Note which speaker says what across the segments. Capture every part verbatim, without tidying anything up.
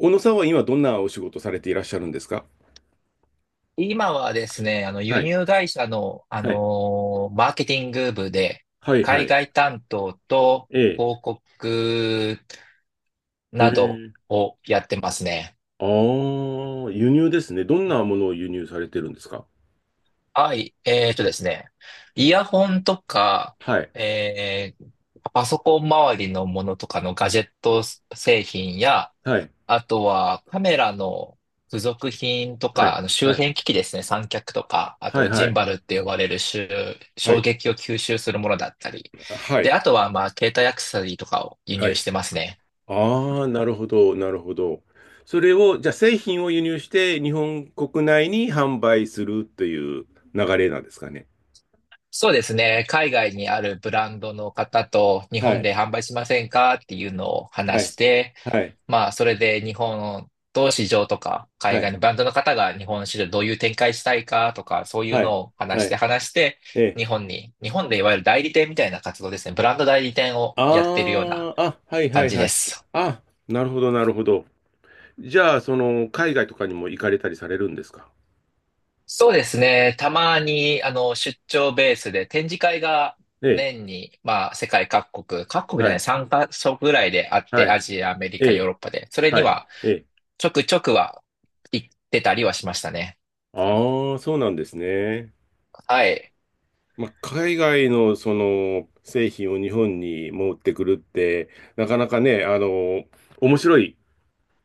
Speaker 1: 小野さんは今どんなお仕事されていらっしゃるんですか？
Speaker 2: 今はですね、あの、輸
Speaker 1: はい、
Speaker 2: 入会社の、あ
Speaker 1: はい、
Speaker 2: のーマーケティング部で、
Speaker 1: はい、は
Speaker 2: 海
Speaker 1: い。
Speaker 2: 外担当と
Speaker 1: ええ、
Speaker 2: 広告
Speaker 1: へ
Speaker 2: など
Speaker 1: え。
Speaker 2: をやってますね。
Speaker 1: ああ、輸入ですね。どんなものを輸入されてるんですか？
Speaker 2: はい。えっとですね、イヤホンとか、
Speaker 1: はい、
Speaker 2: えーパソコン周りのものとかのガジェット製品や、
Speaker 1: はい、
Speaker 2: あとはカメラの付属品と
Speaker 1: は
Speaker 2: か、
Speaker 1: い、
Speaker 2: あの周
Speaker 1: はい、
Speaker 2: 辺機器ですね、三脚とか、あ
Speaker 1: はい、
Speaker 2: と
Speaker 1: は
Speaker 2: ジン
Speaker 1: い、
Speaker 2: バルって呼ばれる周
Speaker 1: は
Speaker 2: 衝
Speaker 1: い。
Speaker 2: 撃を吸収するものだったり。
Speaker 1: は
Speaker 2: で、
Speaker 1: い。
Speaker 2: あとはまあ携帯アクセサリーとかを輸
Speaker 1: は
Speaker 2: 入
Speaker 1: い。
Speaker 2: してますね。
Speaker 1: ああ、なるほど、なるほど。それを、じゃあ製品を輸入して日本国内に販売するという流れなんですかね。
Speaker 2: そうですね、海外にあるブランドの方と日
Speaker 1: は
Speaker 2: 本
Speaker 1: い、
Speaker 2: で販売しませんかっていうのを
Speaker 1: は
Speaker 2: 話し
Speaker 1: い、
Speaker 2: て、
Speaker 1: はい、
Speaker 2: まあ、それで日本と市場とか、
Speaker 1: は
Speaker 2: 海外
Speaker 1: い、
Speaker 2: のブランドの方が日本の市場どういう展開したいかとか、そういう
Speaker 1: は
Speaker 2: の
Speaker 1: い、
Speaker 2: を
Speaker 1: は
Speaker 2: 話して
Speaker 1: い、
Speaker 2: 話して、
Speaker 1: ええ。
Speaker 2: 日本に、日本でいわゆる代理店みたいな活動ですね。ブランド代理店をやってるような
Speaker 1: ああ、あ、はいは
Speaker 2: 感
Speaker 1: い
Speaker 2: じ
Speaker 1: は
Speaker 2: で
Speaker 1: い。
Speaker 2: す。
Speaker 1: あ、なるほどなるほど。じゃあ、その、海外とかにも行かれたりされるんですか？
Speaker 2: そうですね。たまに、あの、出張ベースで展示会が
Speaker 1: ええ、
Speaker 2: 年に、まあ、世界各国、各国じ
Speaker 1: は
Speaker 2: ゃない、
Speaker 1: い、
Speaker 2: さんカ所ぐらいであって、
Speaker 1: はい、
Speaker 2: アジア、アメリ
Speaker 1: え
Speaker 2: カ、ヨー
Speaker 1: え、
Speaker 2: ロッパで、それに
Speaker 1: はい、
Speaker 2: は、
Speaker 1: ええ。
Speaker 2: ちょくちょくは行ってたりはしましたね。
Speaker 1: ああ、そうなんですね。
Speaker 2: はい。
Speaker 1: まあ、海外のその製品を日本に持ってくるって、なかなかね、あの、面白い、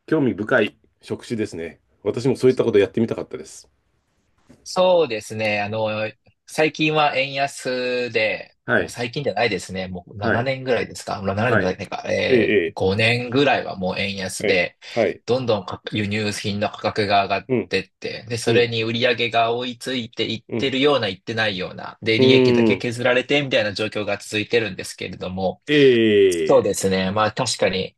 Speaker 1: 興味深い職種ですね。私もそういったことやってみたかったです。
Speaker 2: そうですね。あの、最近は円安で、
Speaker 1: は
Speaker 2: もう
Speaker 1: い、
Speaker 2: 最近じゃないですね。もう
Speaker 1: は
Speaker 2: 7
Speaker 1: い、
Speaker 2: 年ぐらいですか。ななねん
Speaker 1: は
Speaker 2: もな
Speaker 1: い。
Speaker 2: いか。
Speaker 1: え
Speaker 2: えー、
Speaker 1: え、
Speaker 2: ごねんぐらいはもう円
Speaker 1: え
Speaker 2: 安
Speaker 1: え、え
Speaker 2: で、
Speaker 1: え、はい。
Speaker 2: どんどんか輸入品の価格が上がっ
Speaker 1: うん、
Speaker 2: てって、で、
Speaker 1: う
Speaker 2: それ
Speaker 1: ん、
Speaker 2: に売り上げが追いついていっ
Speaker 1: う
Speaker 2: て
Speaker 1: ん。
Speaker 2: るような、いってないような、で、
Speaker 1: う
Speaker 2: 利益だ
Speaker 1: ー
Speaker 2: け
Speaker 1: ん。
Speaker 2: 削られてみたいな状況が続いてるんですけれども、そう
Speaker 1: ええ、
Speaker 2: ですね。まあ確かに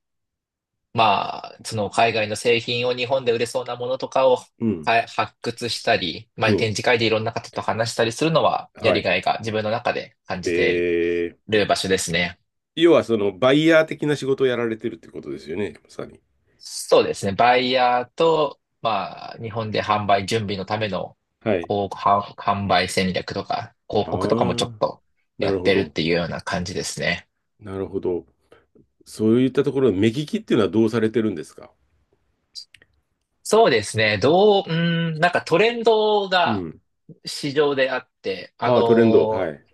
Speaker 2: まあ、その海外の製品を日本で売れそうなものとかを、
Speaker 1: うん、
Speaker 2: はい、発掘したり、ま
Speaker 1: う
Speaker 2: あ、展
Speaker 1: ん、
Speaker 2: 示会でいろんな方と話したりするのはや
Speaker 1: は
Speaker 2: り
Speaker 1: い。
Speaker 2: がいが自分の中で感じて
Speaker 1: ええ。
Speaker 2: る場所ですね。
Speaker 1: 要はそのバイヤー的な仕事をやられてるってことですよね、まさに。
Speaker 2: そうですね。バイヤーと、まあ、日本で販売準備のための
Speaker 1: はい。
Speaker 2: こう販販売戦略とか、広
Speaker 1: あ
Speaker 2: 告とかもちょっ
Speaker 1: あ、
Speaker 2: と
Speaker 1: な
Speaker 2: や
Speaker 1: る
Speaker 2: っ
Speaker 1: ほ
Speaker 2: てるっ
Speaker 1: ど。
Speaker 2: ていうような感じですね。
Speaker 1: なるほど。そういったところ目利きっていうのはどうされてるんですか？
Speaker 2: そうですね。どう、うーん、なんかトレンド
Speaker 1: う
Speaker 2: が
Speaker 1: ん。
Speaker 2: 市場であって、あ
Speaker 1: ああ、トレンド。は
Speaker 2: の
Speaker 1: い。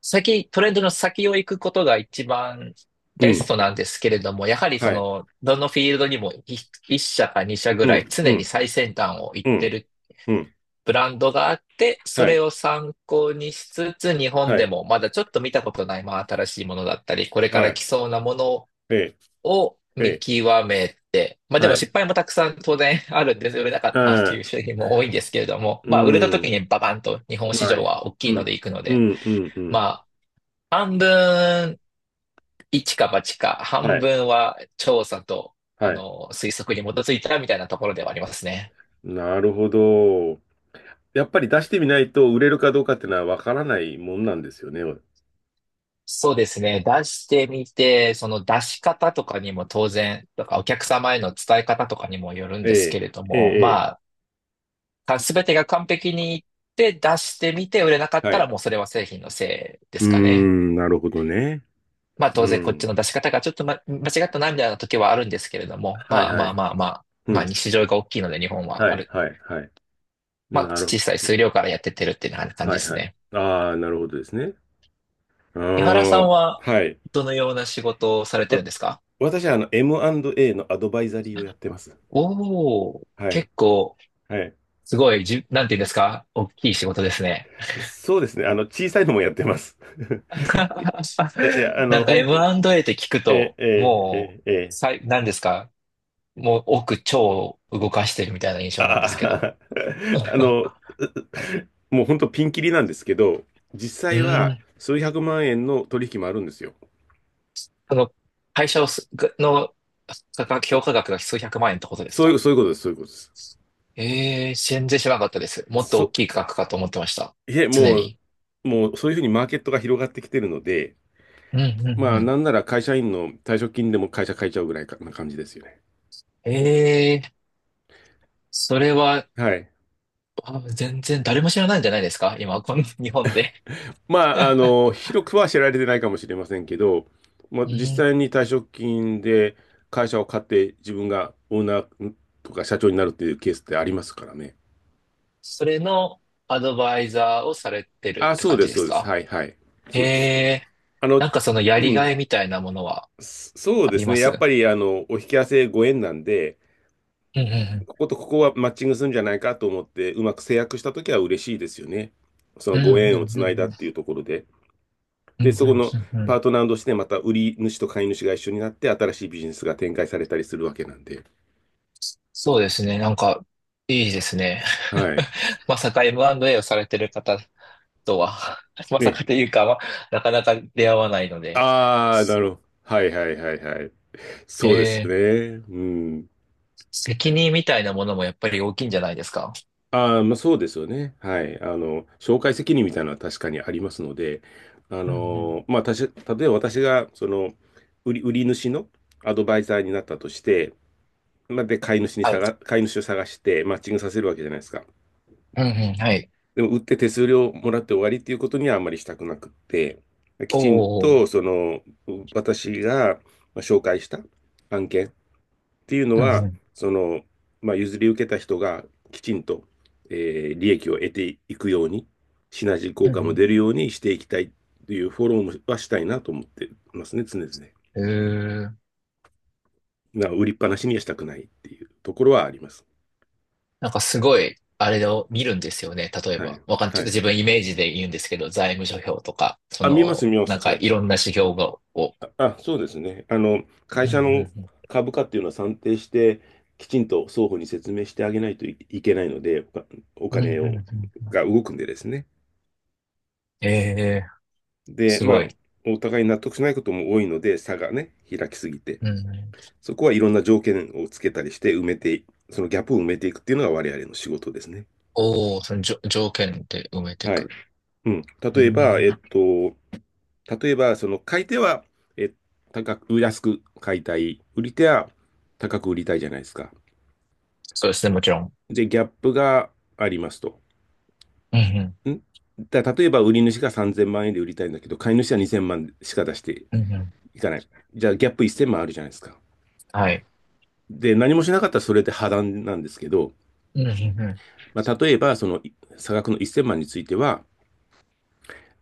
Speaker 2: 先、トレンドの先を行くことが一番
Speaker 1: う
Speaker 2: ベ
Speaker 1: ん。
Speaker 2: ストなんですけれども、やはりそ
Speaker 1: はい。
Speaker 2: の、どのフィールドにもい一社か二社ぐ
Speaker 1: う
Speaker 2: らい
Speaker 1: ん。う
Speaker 2: 常に
Speaker 1: ん。
Speaker 2: 最先端を行っ
Speaker 1: う
Speaker 2: て
Speaker 1: ん。
Speaker 2: る
Speaker 1: うん。
Speaker 2: ブランドがあって、そ
Speaker 1: は
Speaker 2: れ
Speaker 1: い。
Speaker 2: を参考にしつつ、日本
Speaker 1: は
Speaker 2: で
Speaker 1: い。
Speaker 2: もまだちょっと見たことない、まあ新しいものだったり、これか
Speaker 1: は
Speaker 2: ら来
Speaker 1: い。
Speaker 2: そうなもの
Speaker 1: ええ。
Speaker 2: を
Speaker 1: え
Speaker 2: 見
Speaker 1: え。
Speaker 2: 極めて、まあで
Speaker 1: は
Speaker 2: も
Speaker 1: い。
Speaker 2: 失敗もたくさん当然あるんです。売れなかったって
Speaker 1: あ
Speaker 2: いう
Speaker 1: あ、
Speaker 2: 商品も多いんですけれども、
Speaker 1: う
Speaker 2: まあ売れた時
Speaker 1: ん。
Speaker 2: にババンと日本市
Speaker 1: は
Speaker 2: 場
Speaker 1: い。
Speaker 2: は大
Speaker 1: う
Speaker 2: きいので
Speaker 1: ん。
Speaker 2: 行くの
Speaker 1: う
Speaker 2: で、
Speaker 1: ん。うん。う
Speaker 2: ま
Speaker 1: ん。
Speaker 2: あ、半分一か八か、
Speaker 1: は
Speaker 2: 半
Speaker 1: い。
Speaker 2: 分は調査と、あ
Speaker 1: はい。
Speaker 2: の、推測に基づいたみたいなところではありますね。
Speaker 1: なるほど。やっぱり出してみないと売れるかどうかっていうのはわからないもんなんですよね。
Speaker 2: そうですね。出してみて、その出し方とかにも当然、とかお客様への伝え方とかにもよるん
Speaker 1: え
Speaker 2: ですけ
Speaker 1: え、
Speaker 2: れど
Speaker 1: え
Speaker 2: も、
Speaker 1: え、え
Speaker 2: まあ、すべてが完璧にいって出してみて売れなか
Speaker 1: え、
Speaker 2: っ
Speaker 1: は
Speaker 2: たら
Speaker 1: い。
Speaker 2: もうそれは製品のせいで
Speaker 1: うー
Speaker 2: すかね。
Speaker 1: ん、なるほどね。
Speaker 2: まあ
Speaker 1: う
Speaker 2: 当然こっち
Speaker 1: ん。
Speaker 2: の出し方がちょっと、ま、間違ったなみたいな時はあるんですけれども、
Speaker 1: はい
Speaker 2: まあ
Speaker 1: は
Speaker 2: まあ
Speaker 1: い。
Speaker 2: まあまあ、
Speaker 1: う
Speaker 2: まあ
Speaker 1: ん。
Speaker 2: 市場が大きいので日本は
Speaker 1: は
Speaker 2: あ
Speaker 1: い、
Speaker 2: る
Speaker 1: はい、はい。
Speaker 2: まあ、
Speaker 1: なるほ
Speaker 2: 小
Speaker 1: ど。
Speaker 2: さい
Speaker 1: うん。
Speaker 2: 数量からやってってるっていうような感じ
Speaker 1: はい
Speaker 2: です
Speaker 1: はい。
Speaker 2: ね。
Speaker 1: ああ、なるほどですね。あ
Speaker 2: 井原さん
Speaker 1: あ、
Speaker 2: は、
Speaker 1: はい。
Speaker 2: どのような仕事をされてる
Speaker 1: わ
Speaker 2: んですか？
Speaker 1: 私はあの エムアンドエー のアドバイザリーをやってます。
Speaker 2: おおー、
Speaker 1: はい。
Speaker 2: 結構、
Speaker 1: はい。
Speaker 2: すごい、じ、なんて言うんですか？大きい仕事ですね。
Speaker 1: そうですね。あの、小さいのもやってます。いや、いや、あ
Speaker 2: な
Speaker 1: の、
Speaker 2: んか
Speaker 1: 本当、
Speaker 2: エムアンドエー って聞く
Speaker 1: ええ、
Speaker 2: と、
Speaker 1: ええ、
Speaker 2: も
Speaker 1: ええ、
Speaker 2: う、
Speaker 1: え。
Speaker 2: さい、なんですか？もう奥超動かしてるみたいな印象なんですけど。
Speaker 1: あー あの、もう本当ピンキリなんですけど、実
Speaker 2: う
Speaker 1: 際
Speaker 2: ー
Speaker 1: は
Speaker 2: ん、
Speaker 1: 数百万円の取引もあるんですよ。
Speaker 2: その、会社をす、の、価格、評価額が数百万円ってことです
Speaker 1: そういう、
Speaker 2: か？
Speaker 1: そういうことです、そういうことです。
Speaker 2: ええ、全然知らなかったです。もっと大
Speaker 1: そ、
Speaker 2: きい額かと思ってました。
Speaker 1: いえ、
Speaker 2: 常
Speaker 1: もう、
Speaker 2: に。
Speaker 1: もうそういうふうにマーケットが広がってきてるので、
Speaker 2: うん、うん、
Speaker 1: ま
Speaker 2: う
Speaker 1: あ、な
Speaker 2: ん。
Speaker 1: んなら会社員の退職金でも会社変えちゃうぐらいかな感じですよね。
Speaker 2: ええ、それは、
Speaker 1: はい。
Speaker 2: あ、全然誰も知らないんじゃないですか今、この 日本で。
Speaker 1: まあ、あ の、広くは知られてないかもしれませんけど、まあ、
Speaker 2: う
Speaker 1: 実
Speaker 2: ん。
Speaker 1: 際に退職金で会社を買って自分がオーナーとか社長になるっていうケースってありますからね。
Speaker 2: それのアドバイザーをされてるっ
Speaker 1: あ、
Speaker 2: て
Speaker 1: そう
Speaker 2: 感
Speaker 1: で
Speaker 2: じ
Speaker 1: す、
Speaker 2: で
Speaker 1: そ
Speaker 2: す
Speaker 1: うです。
Speaker 2: か？
Speaker 1: はいはい。
Speaker 2: え
Speaker 1: そうです。
Speaker 2: え、
Speaker 1: あの、
Speaker 2: なんかそのや
Speaker 1: う
Speaker 2: り
Speaker 1: ん、
Speaker 2: がいみたいなものは
Speaker 1: そそう
Speaker 2: あ
Speaker 1: で
Speaker 2: り
Speaker 1: す
Speaker 2: ま
Speaker 1: ね。やっ
Speaker 2: す？
Speaker 1: ぱり、あの、お引き合わせご縁なんで、
Speaker 2: うんう
Speaker 1: こことここはマッチングするんじゃないかと思って、うまく制約したときは嬉しいですよね。そ
Speaker 2: ん
Speaker 1: の
Speaker 2: う
Speaker 1: ご
Speaker 2: ん。うん
Speaker 1: 縁を
Speaker 2: う
Speaker 1: つ
Speaker 2: んう
Speaker 1: ないだ
Speaker 2: ん
Speaker 1: っ
Speaker 2: う
Speaker 1: てい
Speaker 2: ん。
Speaker 1: うところで。
Speaker 2: うん
Speaker 1: で、
Speaker 2: うんう
Speaker 1: そこの
Speaker 2: んう
Speaker 1: パ
Speaker 2: ん。
Speaker 1: ートナーとしてまた売り主と買い主が一緒になって、新しいビジネスが展開されたりするわけなんで。
Speaker 2: そうですね。なんか、いいですね。
Speaker 1: はい。
Speaker 2: まさか エムアンドエー をされてる方とは、まさ
Speaker 1: ね。
Speaker 2: かというか、まあ、なかなか出会わないので、
Speaker 1: ああ、なるほど。はいはいはいはい。
Speaker 2: え
Speaker 1: そうです
Speaker 2: ー
Speaker 1: ね。うん。
Speaker 2: 責任みたいなものもやっぱり大きいんじゃないですか。
Speaker 1: ああ、まあ、そうですよね。はい。あの、紹介責任みたいなのは確かにありますので、あ
Speaker 2: うんうん。
Speaker 1: の、まあ、たし、例えば私が、その、売り、売り主のアドバイザーになったとして、まあ、で、買い主に
Speaker 2: はい。
Speaker 1: 探、買い主を探して、マッチングさせるわけじゃないですか。
Speaker 2: うんうん、はい。
Speaker 1: でも、売って手数料もらって終わりっていうことにはあんまりしたくなくって、き
Speaker 2: お
Speaker 1: ちん
Speaker 2: お、
Speaker 1: と、その、私がまあ紹介した案件っていうの
Speaker 2: うんう
Speaker 1: は、
Speaker 2: ん、
Speaker 1: その、まあ、譲り受けた人がきちんと、えー利益を得ていくように、シナジー
Speaker 2: う
Speaker 1: 効果も
Speaker 2: ん
Speaker 1: 出るようにしていきたいというフォローもはしたいなと思ってますね、常々。
Speaker 2: うん。うーん。
Speaker 1: な売りっぱなしにはしたくないっていうところはあります。
Speaker 2: なんかすごい、あれを見るんですよね。例え
Speaker 1: は
Speaker 2: ば、
Speaker 1: い。
Speaker 2: わかん、ち
Speaker 1: は
Speaker 2: ょっと
Speaker 1: い。
Speaker 2: 自分イメージで言うんですけど、財務諸表とか、そ
Speaker 1: あ、見ます、
Speaker 2: の、
Speaker 1: 見ま
Speaker 2: な
Speaker 1: す。
Speaker 2: んか
Speaker 1: は
Speaker 2: い
Speaker 1: い。
Speaker 2: ろんな指標が、を。
Speaker 1: あ、あそうですね。あの、会
Speaker 2: うん
Speaker 1: 社
Speaker 2: うん
Speaker 1: の
Speaker 2: うん。
Speaker 1: 株価っていうのは算定して、きちんと双方に説明してあげないといいけないので、おお
Speaker 2: うんうん
Speaker 1: 金
Speaker 2: う
Speaker 1: を
Speaker 2: んうん。
Speaker 1: が動くんでですね。
Speaker 2: ええ、
Speaker 1: で、
Speaker 2: す
Speaker 1: ま
Speaker 2: ご
Speaker 1: あ、
Speaker 2: い。
Speaker 1: お互い納得しないことも多いので、差がね、開きすぎて、
Speaker 2: うんうん。
Speaker 1: そこはいろんな条件をつけたりして埋めて、そのギャップを埋めていくっていうのが我々の仕事ですね。
Speaker 2: おお、そのじょ条件で埋めて
Speaker 1: は
Speaker 2: く
Speaker 1: い。
Speaker 2: る。
Speaker 1: うん。
Speaker 2: う
Speaker 1: 例えば、
Speaker 2: ん。
Speaker 1: えっと、例えば、その買い手は、え、高く、安く買いたい。売り手は高く売りたいじゃないですか。
Speaker 2: そうですね、もちろん。
Speaker 1: で、ギャップがありますと。
Speaker 2: うん
Speaker 1: んだ、例えば、売り主がさんぜんまん円で売りたいんだけど、買い主はにせんまんしか出して
Speaker 2: うん。うんうん。
Speaker 1: いかない。じゃあ、ギャップいっせんまんあるじゃないですか。
Speaker 2: はい。
Speaker 1: で、何もしなかったらそれって破談なんですけど、
Speaker 2: うんうんう
Speaker 1: まあ、例えば、その差額のいっせんまんについては、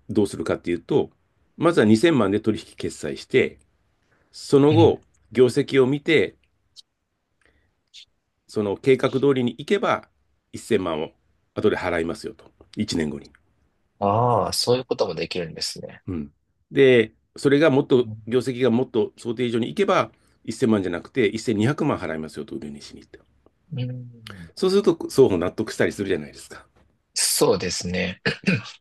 Speaker 1: どうするかっていうと、まずはにせんまんで取引決済して、その
Speaker 2: ん。う
Speaker 1: 後、
Speaker 2: ん。
Speaker 1: 業績を見て、その計画通りに行けば、いっせんまんを後で払いますよと。いちねんごに。
Speaker 2: ああ、そういうこともできるんですね。
Speaker 1: うん。で、それがもっと、
Speaker 2: うん。
Speaker 1: 業績がもっと想定以上に行けば、いっせんまんじゃなくて、せんにひゃくまん払いますよと、売りにしに行って。
Speaker 2: うん。
Speaker 1: そうすると、双方納得したりするじゃないですか。
Speaker 2: そうですね。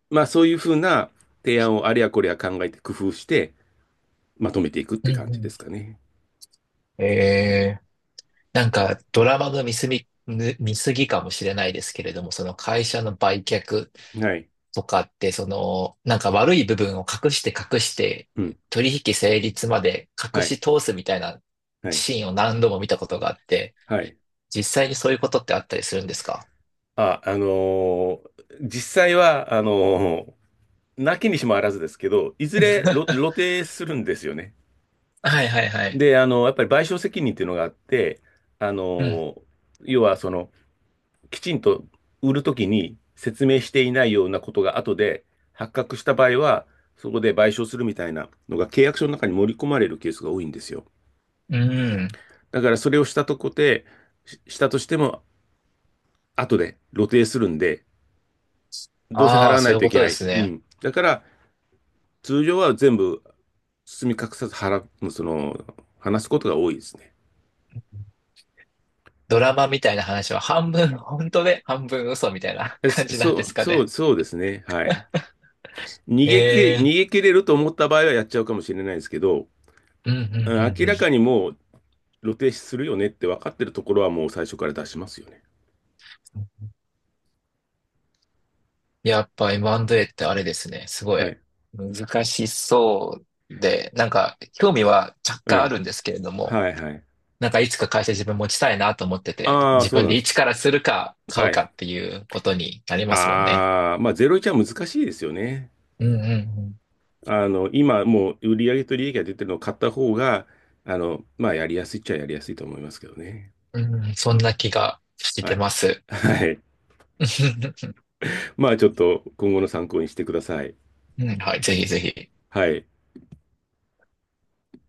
Speaker 1: まあそういうふうな提案をあれやこれや考えて工夫してまとめていくっ
Speaker 2: う
Speaker 1: て
Speaker 2: ん
Speaker 1: 感
Speaker 2: う
Speaker 1: じで
Speaker 2: ん。
Speaker 1: すかね。
Speaker 2: ええ、なんかドラマの見すぎ、ぬ見過ぎかもしれないですけれども、その会社の売却
Speaker 1: はい。
Speaker 2: とかって、その、なんか悪い部分を隠して隠して、
Speaker 1: うん。
Speaker 2: 取引成立まで隠
Speaker 1: は
Speaker 2: し
Speaker 1: い。
Speaker 2: 通すみたいな
Speaker 1: はい。
Speaker 2: シーンを何度も見たことがあって、
Speaker 1: はい。
Speaker 2: 実際にそういうことってあったりするんですか？
Speaker 1: あ、あのー実際は、あのーなきにしもあらずですけど、いずれろ露 呈するんですよね。
Speaker 2: はいはいはい。
Speaker 1: で、あのやっぱり賠償責任っていうのがあって、あ
Speaker 2: うん。
Speaker 1: のー要はその、きちんと売るときに説明していないようなことが後で発覚した場合は、そこで賠償するみたいなのが契約書の中に盛り込まれるケースが多いんですよ。
Speaker 2: うん。
Speaker 1: だからそれをしたとこで、したとしても後で露呈するんで、どうせ
Speaker 2: あ
Speaker 1: 払
Speaker 2: あ、
Speaker 1: わな
Speaker 2: そう
Speaker 1: い
Speaker 2: いう
Speaker 1: とい
Speaker 2: こ
Speaker 1: け
Speaker 2: と
Speaker 1: な
Speaker 2: で
Speaker 1: い。
Speaker 2: す
Speaker 1: う
Speaker 2: ね。
Speaker 1: ん。だから通常は全部包み隠さず払う、その、話すことが多いですね。
Speaker 2: ドラマみたいな話は半分本当で半分嘘みたいな
Speaker 1: え
Speaker 2: 感
Speaker 1: そ
Speaker 2: じなんで
Speaker 1: う、
Speaker 2: すか
Speaker 1: そう、
Speaker 2: ね。
Speaker 1: そうですね。はい。逃
Speaker 2: え
Speaker 1: げきれ、逃
Speaker 2: え。
Speaker 1: げ切れると思った場合はやっちゃうかもしれないですけど、
Speaker 2: うんうんうん
Speaker 1: 明
Speaker 2: うん。
Speaker 1: らかにもう露呈するよねって分かってるところはもう最初から出しますよね。
Speaker 2: やっぱ エムアンドエー ってあれですね。すご
Speaker 1: は
Speaker 2: い
Speaker 1: い。
Speaker 2: 難しそうで、なんか興味は若
Speaker 1: え
Speaker 2: 干あ
Speaker 1: え。
Speaker 2: るんですけれども、
Speaker 1: はいはい。
Speaker 2: なんかいつか会社自分持ちたいなと思ってて、
Speaker 1: ああ、
Speaker 2: 自
Speaker 1: そう
Speaker 2: 分
Speaker 1: な
Speaker 2: で
Speaker 1: んです。
Speaker 2: 一からするか買
Speaker 1: は
Speaker 2: うか
Speaker 1: い。
Speaker 2: っていうことになりますもんね。
Speaker 1: ああ、まあゼロイチは難しいですよね。
Speaker 2: うんうん
Speaker 1: あの、今もう売上と利益が出てるのを買った方が、あの、まあやりやすいっちゃやりやすいと思いますけどね。
Speaker 2: うん。うん、そんな気がし
Speaker 1: は
Speaker 2: て
Speaker 1: い。
Speaker 2: ます。
Speaker 1: はい。
Speaker 2: う
Speaker 1: まあちょっと今後の参考にしてください。
Speaker 2: ん、はい、ぜひぜひ。
Speaker 1: はい。